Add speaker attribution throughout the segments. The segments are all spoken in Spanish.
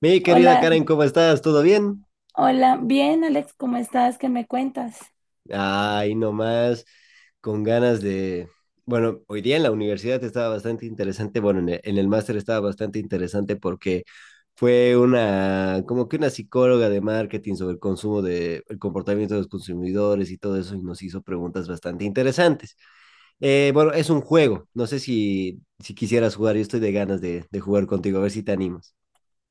Speaker 1: Mi querida
Speaker 2: Hola,
Speaker 1: Karen, ¿cómo estás? ¿Todo bien?
Speaker 2: hola, bien Alex, ¿cómo estás? ¿Qué me cuentas?
Speaker 1: Ay, nomás, con ganas de... Bueno, hoy día en la universidad estaba bastante interesante, bueno, en el máster estaba bastante interesante porque fue una, como que una psicóloga de marketing sobre el consumo de, el comportamiento de los consumidores y todo eso y nos hizo preguntas bastante interesantes. Bueno, es un juego, no sé si quisieras jugar, yo estoy de ganas de jugar contigo, a ver si te animas.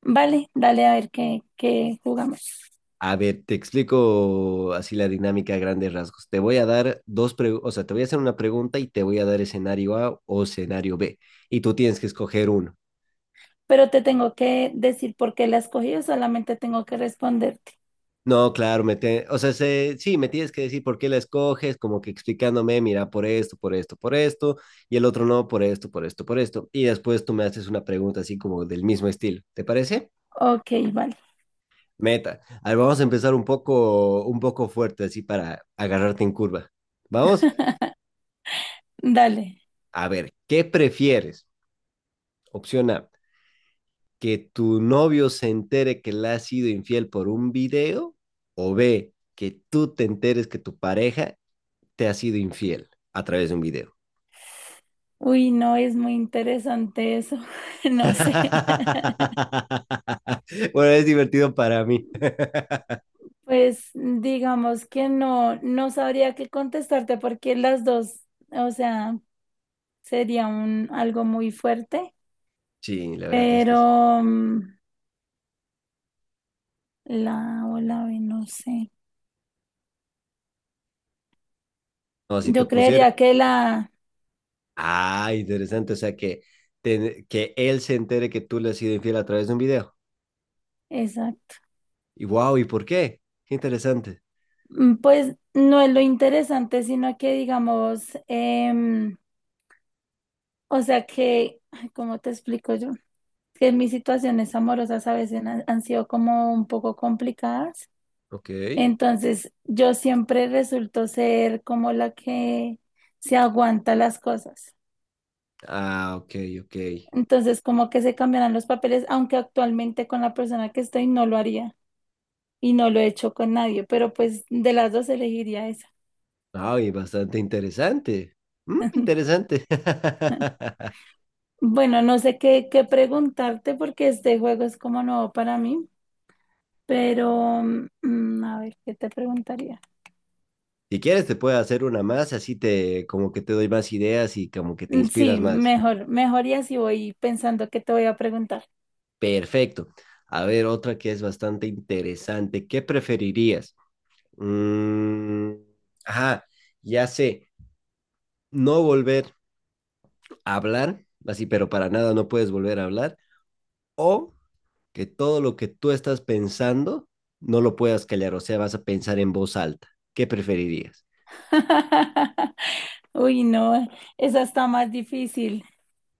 Speaker 2: Vale, dale a ver qué jugamos.
Speaker 1: A ver, te explico así la dinámica a grandes rasgos. Te voy a dar dos preguntas, o sea, te voy a hacer una pregunta y te voy a dar escenario A o escenario B. Y tú tienes que escoger uno.
Speaker 2: Pero te tengo que decir por qué la escogí o solamente tengo que responderte.
Speaker 1: No, claro, o sea, sí, me tienes que decir por qué la escoges, como que explicándome, mira, por esto, por esto, por esto, y el otro no, por esto, por esto, por esto. Y después tú me haces una pregunta así como del mismo estilo. ¿Te parece?
Speaker 2: Ok, vale,
Speaker 1: Meta. A ver, vamos a empezar un poco fuerte, así para agarrarte en curva. Vamos.
Speaker 2: dale.
Speaker 1: A ver, ¿qué prefieres? Opción A, que tu novio se entere que le has sido infiel por un video. O B, que tú te enteres que tu pareja te ha sido infiel a través de un video.
Speaker 2: Uy, no, es muy interesante eso. No sé.
Speaker 1: Bueno, es divertido para mí.
Speaker 2: Pues digamos que no sabría qué contestarte porque las dos, o sea, sería un algo muy fuerte,
Speaker 1: Sí, la verdad es que sí.
Speaker 2: pero la o la B, no sé.
Speaker 1: No, si te
Speaker 2: Yo
Speaker 1: pusiera...
Speaker 2: creería que la,
Speaker 1: Ah, interesante. O sea, que, que él se entere que tú le has sido infiel a través de un video.
Speaker 2: exacto.
Speaker 1: Y wow, ¿y por qué? Qué interesante.
Speaker 2: Pues no es lo interesante, sino que digamos, o sea que, ay, ¿cómo te explico yo? Que mis situaciones amorosas a veces han sido como un poco complicadas,
Speaker 1: Ok.
Speaker 2: entonces yo siempre resulto ser como la que se aguanta las cosas,
Speaker 1: Ah, ok, ok.
Speaker 2: entonces como que se cambiarán los papeles, aunque actualmente con la persona que estoy no lo haría y no lo he hecho con nadie, pero pues de las dos elegiría esa.
Speaker 1: Ay, bastante interesante. Mm, interesante.
Speaker 2: Bueno, no sé qué preguntarte porque este juego es como nuevo para mí, pero a ver, ¿qué te preguntaría?
Speaker 1: Si quieres, te puedo hacer una más, así te como que te doy más ideas y como que te inspiras
Speaker 2: Sí,
Speaker 1: más.
Speaker 2: mejor, y así voy pensando qué te voy a preguntar.
Speaker 1: Perfecto. A ver, otra que es bastante interesante. ¿Qué preferirías? Mm, ajá, ya sé, no volver a hablar, así, pero para nada no puedes volver a hablar, o que todo lo que tú estás pensando no lo puedas callar, o sea, vas a pensar en voz alta. ¿Qué preferirías?
Speaker 2: Uy, no, esa está más difícil.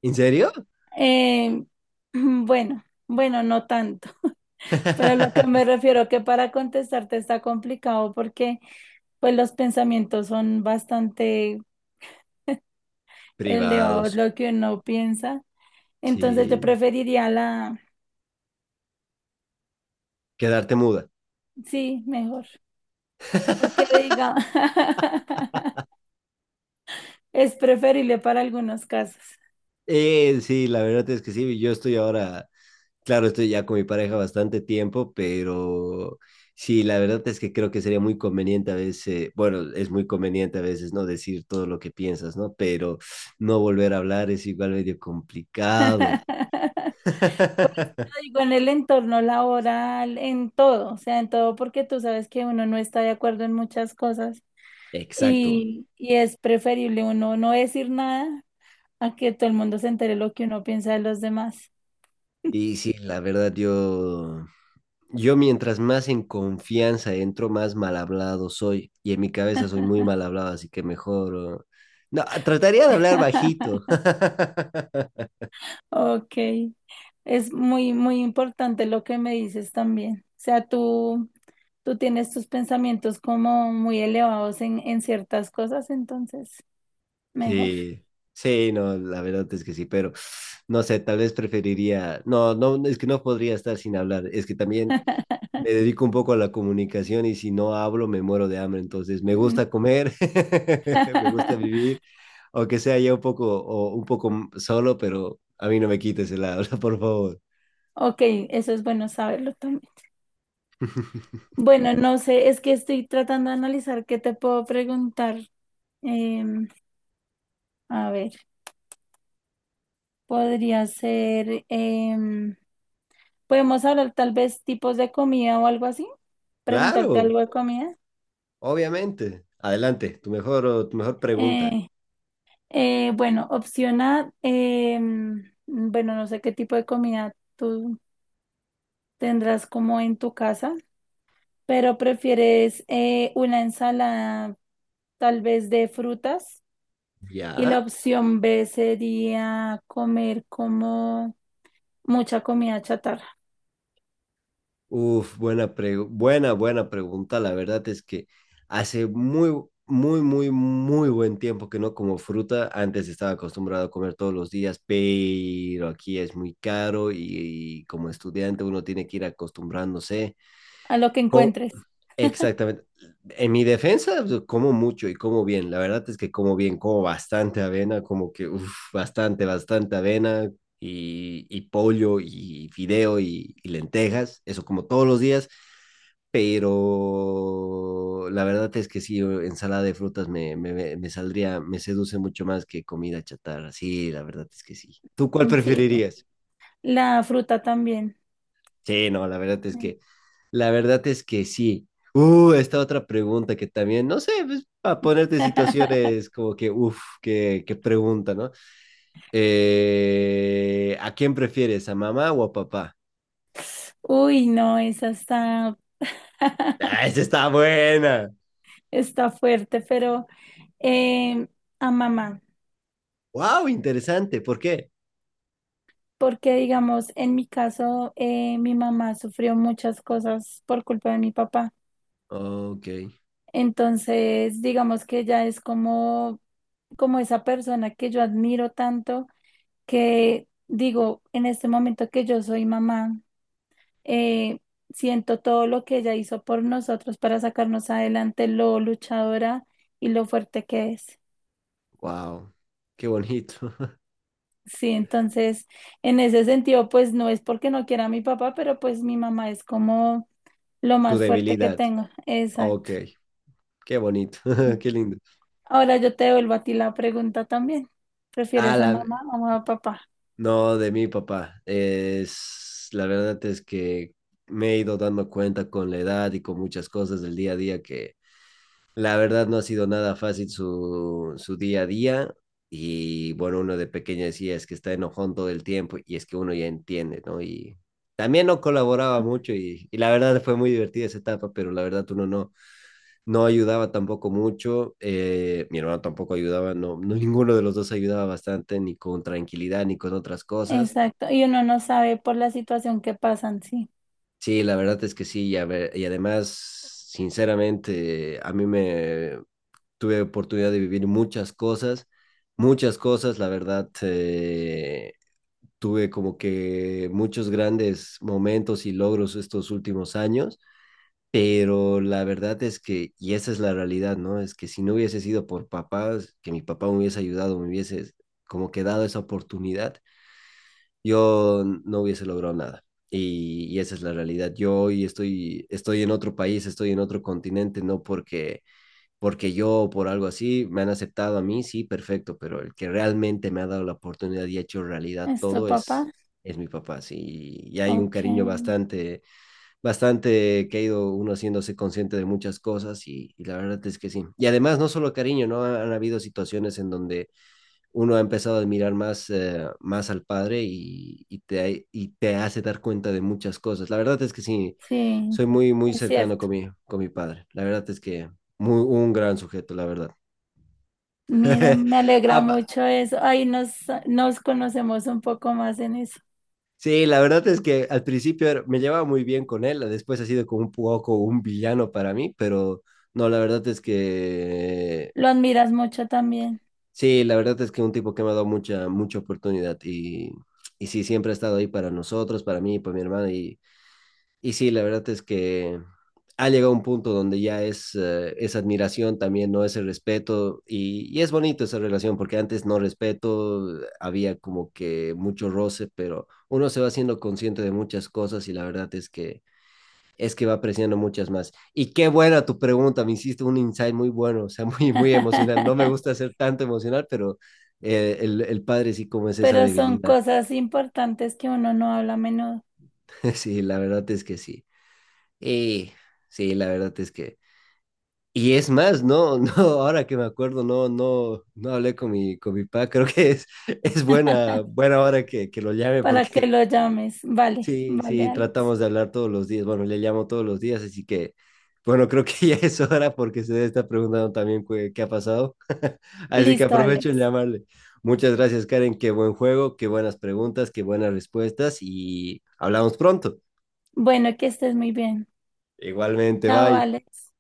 Speaker 1: ¿En serio?
Speaker 2: Eh, bueno, no tanto, pero a lo que me refiero que para contestarte está complicado porque pues los pensamientos son bastante elevados,
Speaker 1: Privados,
Speaker 2: lo que uno piensa. Entonces yo
Speaker 1: sí.
Speaker 2: preferiría la,
Speaker 1: Quedarte muda.
Speaker 2: sí, mejor, porque diga, es preferible para algunos casos.
Speaker 1: Sí, la verdad es que sí, yo estoy ahora, claro, estoy ya con mi pareja bastante tiempo, pero sí, la verdad es que creo que sería muy conveniente a veces, bueno, es muy conveniente a veces no decir todo lo que piensas, ¿no? Pero no volver a hablar es igual medio complicado.
Speaker 2: Pues lo digo en el entorno laboral, en todo, o sea, en todo, porque tú sabes que uno no está de acuerdo en muchas cosas
Speaker 1: Exacto.
Speaker 2: y es preferible uno no decir nada a que todo el mundo se entere lo que uno piensa de los demás.
Speaker 1: Y sí, la verdad, yo mientras más en confianza entro, más mal hablado soy. Y en mi cabeza soy muy mal hablado, así que mejor... oh, no, trataría de hablar bajito.
Speaker 2: Ok. Es muy importante lo que me dices también. O sea, tú tienes tus pensamientos como muy elevados en ciertas cosas, entonces mejor.
Speaker 1: Sí, sí, no, la verdad es que sí, pero no sé, tal vez preferiría... No, no, es que no podría estar sin hablar. Es que también me dedico un poco a la comunicación y si no hablo me muero de hambre, entonces me
Speaker 2: Mm.
Speaker 1: gusta comer, me gusta vivir, aunque sea ya un poco o un poco solo, pero a mí no me quites el habla, por favor.
Speaker 2: Ok, eso es bueno saberlo también. Bueno, no sé, es que estoy tratando de analizar qué te puedo preguntar. Em, a ver, podría ser, podemos hablar tal vez tipos de comida o algo así, preguntarte
Speaker 1: Claro,
Speaker 2: algo de comida.
Speaker 1: obviamente. Adelante, tu mejor pregunta.
Speaker 2: Eh, bueno, opción A, bueno, no sé qué tipo de comida tú tendrás como en tu casa, pero prefieres una ensalada tal vez de frutas, y
Speaker 1: ¿Ya?
Speaker 2: la opción B sería comer como mucha comida chatarra,
Speaker 1: Uf, buena, buena pregunta. La verdad es que hace muy, muy, muy, muy buen tiempo que no como fruta. Antes estaba acostumbrado a comer todos los días, pero aquí es muy caro y como estudiante uno tiene que ir acostumbrándose.
Speaker 2: a lo que encuentres.
Speaker 1: Exactamente. En mi defensa, pues, como mucho y como bien. La verdad es que como bien, como bastante avena, como que uf, bastante, bastante avena y pollo y fideo y lentejas, eso como todos los días. Pero la verdad es que sí, ensalada de frutas me saldría, me seduce mucho más que comida chatarra. Sí, la verdad es que sí. ¿Tú cuál
Speaker 2: Mm, sí,
Speaker 1: preferirías?
Speaker 2: la fruta también.
Speaker 1: Sí, no, la verdad es que, la verdad es que sí. Esta otra pregunta que también, no sé, pues, para ponerte en situaciones como que, uff, qué, qué pregunta, ¿no? ¿A quién prefieres, a mamá o a papá?
Speaker 2: Uy, no, esa está,
Speaker 1: Ah, esa está buena.
Speaker 2: está fuerte, pero eh, a mamá.
Speaker 1: Wow, interesante. ¿Por qué?
Speaker 2: Porque, digamos, en mi caso, mi mamá sufrió muchas cosas por culpa de mi papá.
Speaker 1: Ok,
Speaker 2: Entonces, digamos que ella es como esa persona que yo admiro tanto, que digo, en este momento que yo soy mamá, eh, siento todo lo que ella hizo por nosotros para sacarnos adelante, lo luchadora y lo fuerte que es.
Speaker 1: wow, qué bonito.
Speaker 2: Sí, entonces, en ese sentido, pues no es porque no quiera a mi papá, pero pues mi mamá es como lo
Speaker 1: Tu
Speaker 2: más fuerte que
Speaker 1: debilidad.
Speaker 2: tenga.
Speaker 1: Ok,
Speaker 2: Exacto.
Speaker 1: qué bonito, qué lindo.
Speaker 2: Ahora yo te devuelvo a ti la pregunta también.
Speaker 1: Ah,
Speaker 2: ¿Prefieres a
Speaker 1: la,
Speaker 2: mamá o a papá?
Speaker 1: No, de mi papá. Es, la verdad es que me he ido dando cuenta con la edad y con muchas cosas del día a día que la verdad no ha sido nada fácil su, su día a día. Y bueno, uno de pequeño decía es que está enojón todo el tiempo y es que uno ya entiende, ¿no? Y también no colaboraba mucho y la verdad fue muy divertida esa etapa, pero la verdad uno no, no ayudaba tampoco mucho. Mi hermano tampoco ayudaba, no, no, ninguno de los dos ayudaba bastante, ni con tranquilidad, ni con otras cosas.
Speaker 2: Exacto. Y uno no sabe por la situación que pasan, sí.
Speaker 1: Sí, la verdad es que sí, y, y además, sinceramente, a mí me tuve oportunidad de vivir muchas cosas, la verdad, tuve como que muchos grandes momentos y logros estos últimos años, pero la verdad es que, y esa es la realidad, ¿no? Es que si no hubiese sido por papás, que mi papá me hubiese ayudado, me hubiese como que dado esa oportunidad, yo no hubiese logrado nada. Y esa es la realidad. Yo hoy estoy en otro país, estoy en otro continente, no porque, porque yo o por algo así me han aceptado a mí, sí, perfecto, pero el que realmente me ha dado la oportunidad y ha hecho realidad
Speaker 2: ¿Es tu
Speaker 1: todo
Speaker 2: papá?
Speaker 1: es mi papá, sí. Y hay un
Speaker 2: Ok.
Speaker 1: cariño bastante, bastante que ha ido uno haciéndose consciente de muchas cosas y la verdad es que sí. Y además, no solo cariño, ¿no? Han habido situaciones en donde uno ha empezado a admirar más, más al padre y te hace dar cuenta de muchas cosas. La verdad es que sí,
Speaker 2: Sí,
Speaker 1: soy muy, muy
Speaker 2: es
Speaker 1: cercano
Speaker 2: cierto.
Speaker 1: con con mi padre. La verdad es que muy, un gran sujeto, la verdad.
Speaker 2: Mira, me alegra
Speaker 1: Ah,
Speaker 2: mucho eso. Ahí nos conocemos un poco más en eso.
Speaker 1: sí, la verdad es que al principio era- me llevaba muy bien con él, después ha sido como un poco un villano para mí, pero no, la verdad es que
Speaker 2: Lo admiras mucho también.
Speaker 1: sí, la verdad es que un tipo que me ha dado mucha, mucha oportunidad y sí, siempre ha estado ahí para nosotros, para mí, para mi hermana y sí, la verdad es que ha llegado un punto donde ya es admiración también, no es el respeto, y es bonito esa relación, porque antes no respeto, había como que mucho roce, pero uno se va haciendo consciente de muchas cosas y la verdad es que va apreciando muchas más. Y qué buena tu pregunta, me hiciste un insight muy bueno, o sea, muy, muy emocional. No me gusta ser tanto emocional, pero el padre sí como es esa
Speaker 2: Pero son
Speaker 1: debilidad.
Speaker 2: cosas importantes que uno no habla a menudo.
Speaker 1: Sí, la verdad es que sí. Y sí, la verdad es que y es más, no, no, ahora que me acuerdo, no, no, no hablé con mi papá, creo que es buena, buena hora que lo llame
Speaker 2: Para que
Speaker 1: porque
Speaker 2: lo llames. Vale,
Speaker 1: sí,
Speaker 2: vale,
Speaker 1: sí,
Speaker 2: Alex.
Speaker 1: tratamos de hablar todos los días, bueno, le llamo todos los días, así que, bueno, creo que ya es hora porque se debe estar preguntando también qué, qué ha pasado, así que
Speaker 2: Listo, Alex.
Speaker 1: aprovecho en llamarle. Muchas gracias, Karen, qué buen juego, qué buenas preguntas, qué buenas respuestas y hablamos pronto.
Speaker 2: Bueno, que estés muy bien.
Speaker 1: Igualmente,
Speaker 2: Chao,
Speaker 1: bye.
Speaker 2: Alex.